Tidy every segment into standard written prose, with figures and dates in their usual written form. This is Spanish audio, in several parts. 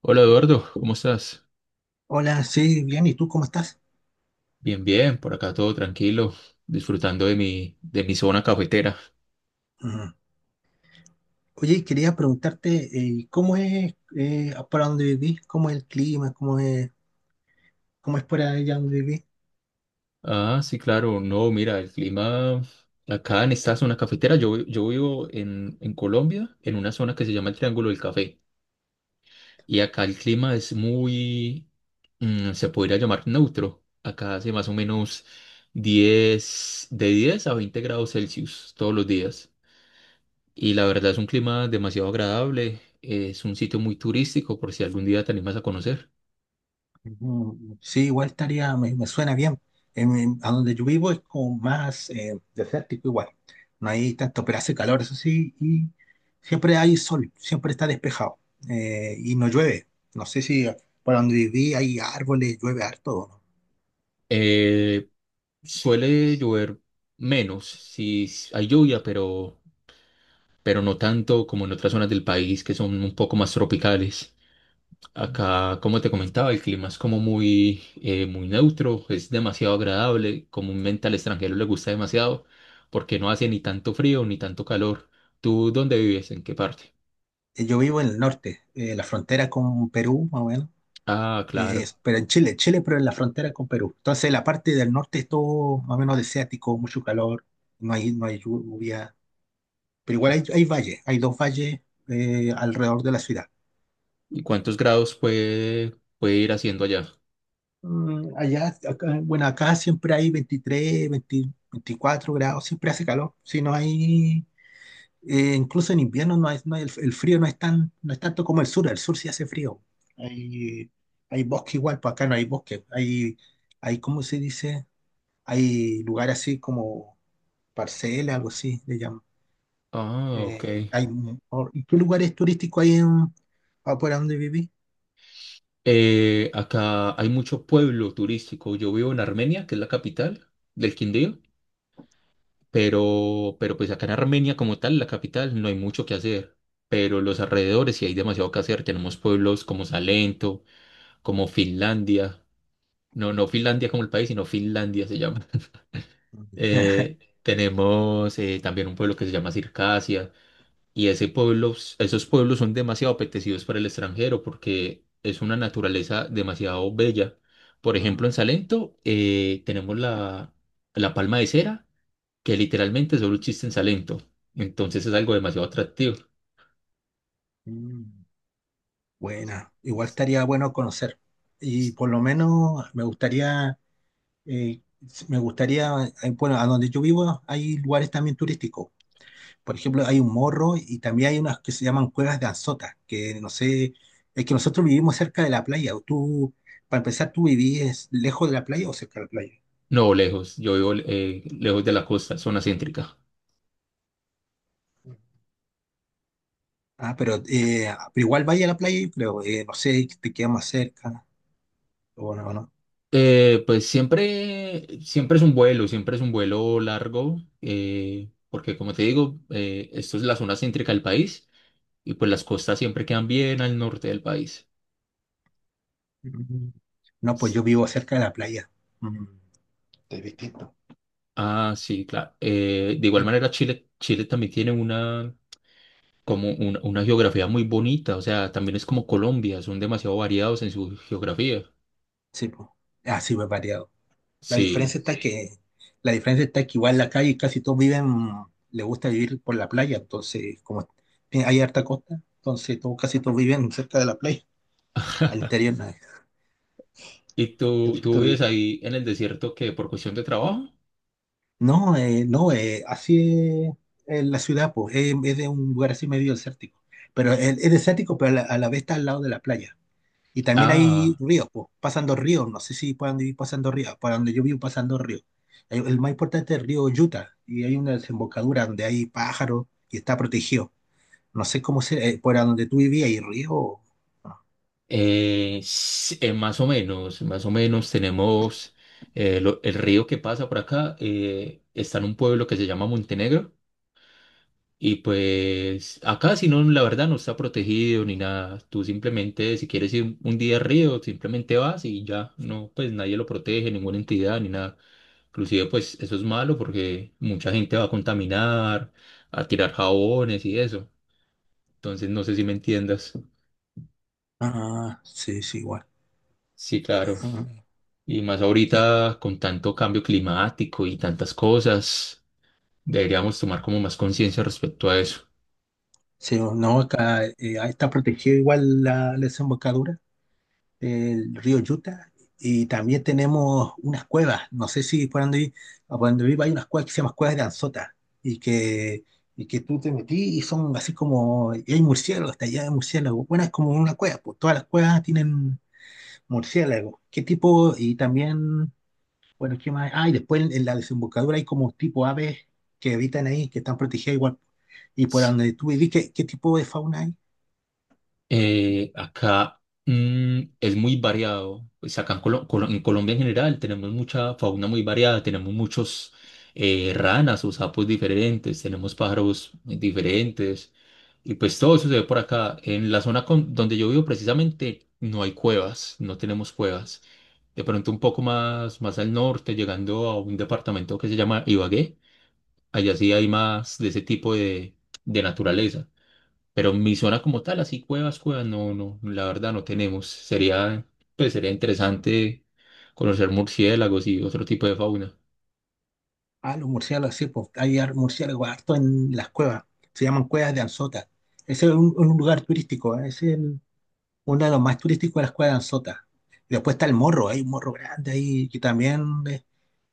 Hola Eduardo, ¿cómo estás? Hola, sí, bien, ¿y tú cómo estás? Bien, bien, por acá todo tranquilo, disfrutando de mi zona cafetera. Ujú. Oye, quería preguntarte, ¿cómo es para donde vivís? ¿Cómo es el clima? ¿Cómo es por allá donde vivís? Ah, sí, claro, no, mira, el clima acá en esta zona cafetera, yo vivo en Colombia, en una zona que se llama el Triángulo del Café, y acá el clima es se podría llamar neutro. Acá hace más o menos 10 de 10 a 20 grados Celsius todos los días. Y la verdad es un clima demasiado agradable. Es un sitio muy turístico por si algún día te animas a conocer. Ujú. Sí, igual estaría, me suena bien. A donde yo vivo es como más desértico igual. No hay tanto, pero hace calor, eso sí, y siempre hay sol, siempre está despejado y no llueve. No sé si por donde viví hay árboles, llueve harto o no. Eh, Suele llover menos, si hay lluvia, pero no tanto como en otras zonas del país que son un poco más tropicales. Acá, como te comentaba, el clima es como muy neutro, es demasiado agradable. Comúnmente al extranjero le gusta demasiado porque no hace ni tanto frío ni tanto calor. ¿Tú dónde vives? ¿En qué parte? Yo vivo en el norte, la frontera con Perú, más o menos. Ah, eh, claro. pero en Chile, pero en la frontera con Perú. Entonces, la parte del norte es todo más o menos desértico, mucho calor, no hay lluvia, pero igual hay valles, hay dos valles alrededor de la ciudad. ¿Y cuántos grados puede ir haciendo allá? Allá, bueno, acá siempre hay 23, 20 24 grados, siempre hace calor, si no hay, incluso en invierno no hay, no hay- el frío no es tanto como el sur, sí hace frío. Hay, Hay bosque igual, pues acá no hay bosque, hay, ¿cómo se dice? Hay lugares así como parcela, algo así, le llaman. Ah, ok. ¿Y qué lugares turísticos hay afuera donde viví? Acá hay mucho pueblo turístico. Yo vivo en Armenia, que es la capital del Quindío, pero pues acá en Armenia como tal, la capital, no hay mucho que hacer. Pero los alrededores sí hay demasiado que hacer. Tenemos pueblos como Salento, como Finlandia. No, no Finlandia como el país, sino Finlandia se llama. Tenemos también un pueblo que se llama Circasia. Y ese pueblo, Esos pueblos son demasiado apetecidos para el extranjero porque es una naturaleza demasiado bella. Por ejemplo, Mm, en Salento tenemos la palma de cera, que literalmente solo existe en Salento. Entonces es algo demasiado atractivo. mm, buena, igual estaría bueno conocer. Y por lo menos eh, me gustaría, bueno, a donde yo vivo hay lugares también turísticos. Por ejemplo, hay un morro y también hay unas que se llaman cuevas de Anzota, que no sé, es que nosotros vivimos cerca de la playa. Para empezar, ¿tú vivís lejos de la playa o cerca de la playa? No, lejos, yo vivo lejos de la costa, zona céntrica. Ah, pero igual vaya a la playa, yo creo. No sé, te queda más cerca. O no, no. Siempre es un vuelo, largo, porque como te digo, esto es la zona céntrica del país. Y pues las costas siempre quedan bien al norte del país. Mm, No, pues S- yo vivo cerca de la playa. Mm, Es distinto. Ah, sí, claro. De igual Sí, manera, Chile también tiene como una geografía muy bonita. O sea, también es como Colombia, son demasiado variados en su geografía. sí, pues. Ah, sí, pues variado. La Sí. diferencia está que, la diferencia está que igual en la calle casi todos viven, les gusta vivir por la playa, entonces, como hay harta costa, entonces casi todos viven cerca de la playa. Al interior, ¿Y no, tú vives ahí en el desierto que por cuestión de trabajo? no, así es en la ciudad, pues, es de un lugar así medio desértico. Pero es desértico, pero a la vez está al lado de la playa. Y también hay Ah, ríos, pues, pasan dos ríos, no sé si puedan vivir pasando ríos, para donde yo vivo pasan dos ríos. El más importante es el río Yuta, y hay una desembocadura donde hay pájaros y está protegido. No sé cómo se, por donde tú vivías, ¿hay río? Más o menos, más o menos tenemos el río que pasa por acá. Está en un pueblo que se llama Montenegro. Y pues acá si no, la verdad no está protegido ni nada. Tú simplemente, si quieres ir un día al río, simplemente vas y ya. No, pues nadie lo protege, ninguna entidad ni nada. Inclusive pues eso es malo porque mucha gente va a contaminar, a tirar jabones y eso. Entonces no sé si me entiendas. Ah, sí, sí, igual. Sí, claro. Ah, Y más sí, ahorita con tanto cambio climático y tantas cosas, deberíamos tomar como más conciencia respecto a eso. sí, no, acá ahí está protegido igual la desembocadura el río Yuta, y también tenemos unas cuevas. No sé si por donde, vi- a por donde vivo hay unas cuevas que se llaman cuevas de Anzota, y que, y que tú te metís y son así como, y hay murciélagos, está allá de murciélagos. Bueno, es como una cueva, pues todas las cuevas tienen murciélagos. ¿Qué tipo? Y también, bueno, ¿qué más? Ah, y después en la desembocadura hay como tipo aves que habitan ahí, que están protegidas igual. Y por donde tú vivís, ¿qué tipo de fauna hay? Acá es muy variado. Pues acá en Colombia en general tenemos mucha fauna muy variada. Tenemos muchos ranas o sapos diferentes. Tenemos pájaros diferentes. Y pues todo eso se ve por acá. En la donde yo vivo precisamente no hay cuevas. No tenemos cuevas. De pronto un poco más, más al norte, llegando a un departamento que se llama Ibagué. Allá sí hay más de ese tipo de naturaleza. Pero mi zona como tal, así cuevas, cuevas, no, no, la verdad no tenemos. Pues sería interesante conocer murciélagos y otro tipo de fauna. Ah, los murciélagos, sí, pues hay murciélagos harto en las cuevas, se llaman cuevas de Anzota. Ese es un lugar turístico, ¿eh? Uno de los más turísticos de las cuevas de Anzota. Y después está el morro, hay un morro grande ahí que también es,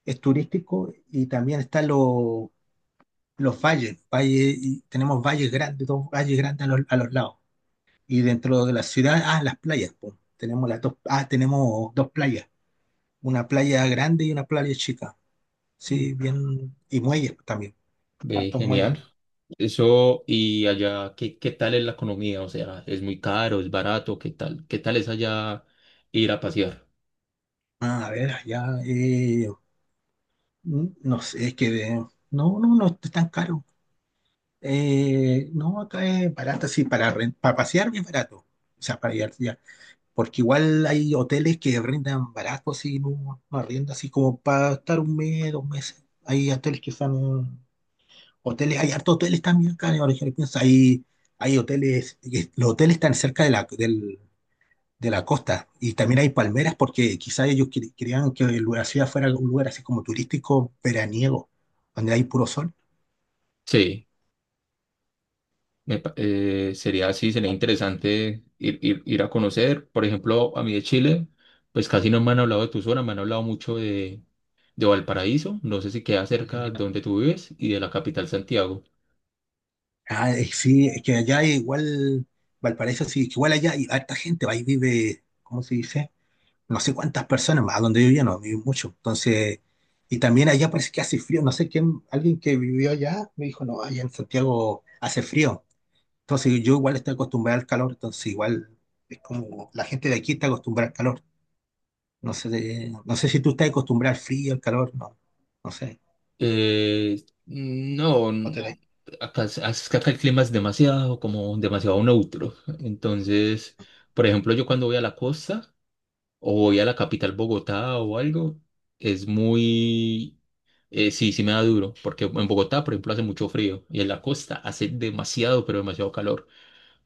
es turístico y también están los valles y tenemos valles grandes, dos valles grandes a los lados. Y dentro de la ciudad, ah, las playas, pues, tenemos dos playas, una playa grande y una playa chica, sí, bien, y muelles también, Ve, hartos muelles. genial. Eso, y allá, ¿qué, qué tal es la economía? O sea, ¿es muy caro, es barato? ¿Qué tal? ¿Qué tal es allá ir a pasear? Ah, a ver, ya no sé, es que no, no, no es tan caro. No, acá es barato, sí, para pasear es barato. O sea, para ir ya. Porque igual hay hoteles que rentan barato, así, no, no arriendan, así como para estar un mes, dos meses. Hay hoteles que son hoteles, hay hartos hoteles también acá, ahora que lo pienso, los hoteles están cerca de de la costa. Y también hay palmeras porque quizás ellos creían que la ciudad fuera un lugar así como turístico veraniego, donde hay puro sol. Sí, sería así, sería interesante ir, ir a conocer. Por ejemplo, a mí de Chile, pues casi no me han hablado de tu zona, me han hablado mucho de Valparaíso, no sé si queda cerca Ujú. donde tú vives, y de la capital Santiago. Ah, sí, es que allá igual, Valparaíso, sí, que igual allá hay harta gente, ahí vive, ¿cómo se dice? No sé cuántas personas, a donde yo vivía no, vive mucho. Entonces, y también allá parece que hace frío, no sé quién, alguien que vivió allá me dijo, no, allá en Santiago hace frío. Entonces, yo igual estoy acostumbrado al calor, entonces igual es como la gente de aquí está acostumbrada al calor. No sé, no sé si tú estás acostumbrado al frío, al calor, no, no sé. No, No tenéis. n- Acá, es que acá el clima es demasiado, como demasiado neutro. Entonces, por ejemplo, yo cuando voy a la costa o voy a la capital Bogotá o algo, es sí, sí me da duro, porque en Bogotá, por ejemplo, hace mucho frío y en la costa hace demasiado, pero demasiado calor.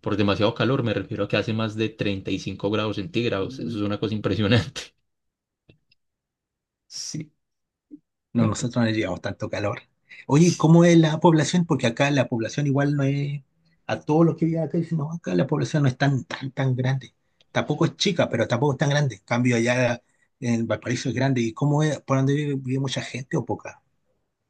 Por demasiado calor me refiero a que hace más de 35 grados centígrados. Eso es una cosa impresionante. Sí. No, Ent- nosotros no llevamos tanto calor. Oye, ¿cómo es la población? Porque acá la población igual no es, a todos los que viven acá dicen, no, acá la población no es tan, tan, tan grande. Tampoco es chica, pero tampoco es tan grande. En cambio, allá en Valparaíso es grande. ¿Y cómo es? ¿Por dónde vive mucha gente o poca?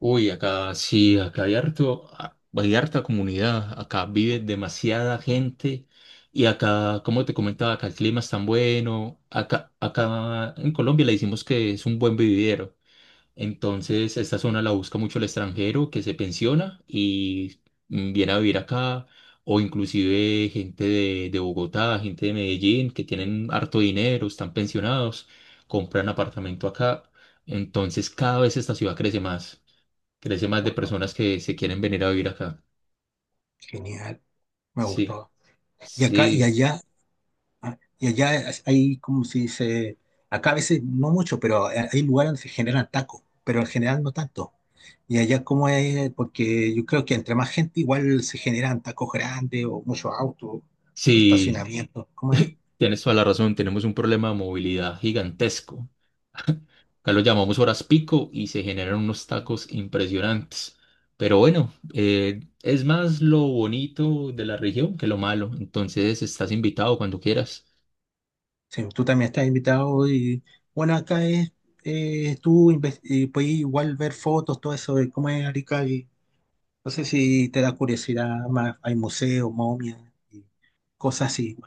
Uy, acá sí, acá hay hay harta comunidad, acá vive demasiada gente y acá, como te comentaba, acá el clima es tan bueno, acá en Colombia le decimos que es un buen vividero. Entonces, esta zona la busca mucho el extranjero que se pensiona y viene a vivir acá, o inclusive gente de Bogotá, gente de Medellín, que tienen harto dinero, están pensionados, compran apartamento acá. Entonces, cada vez esta ciudad crece más de Wow, personas que se quieren venir a vivir acá. genial, me Sí, gustó. Y acá y sí, allá Y allá hay, como se dice, acá a veces no mucho, pero hay lugares donde se generan tacos, pero en general no tanto. Y allá como es, porque yo creo que entre más gente igual se generan tacos grandes o muchos autos o sí, estacionamientos, ¿cómo es? tienes toda la razón, tenemos un problema de movilidad gigantesco. Acá lo llamamos horas pico y se generan unos tacos impresionantes. Pero bueno, es más lo bonito de la región que lo malo. Entonces estás invitado cuando quieras. Sí, tú también estás invitado y bueno, acá es, tú inves- puedes igual ver fotos, todo eso de cómo es Arica y no sé si te da curiosidad más, hay museos, momias y cosas así,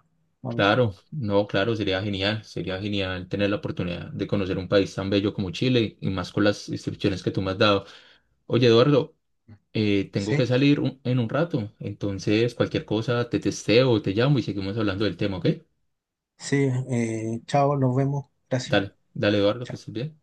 momias, Claro, no, claro, sería genial. Sería genial tener la oportunidad de conocer un país tan bello como Chile y más con las instrucciones que tú me has dado. Oye, Eduardo, tengo que ¿sí? salir en un rato. Entonces, cualquier cosa, te testeo, te llamo y seguimos hablando del tema, ¿ok? Sí, chao, nos vemos. Gracias. Dale, dale, Eduardo, que Chao. estés bien.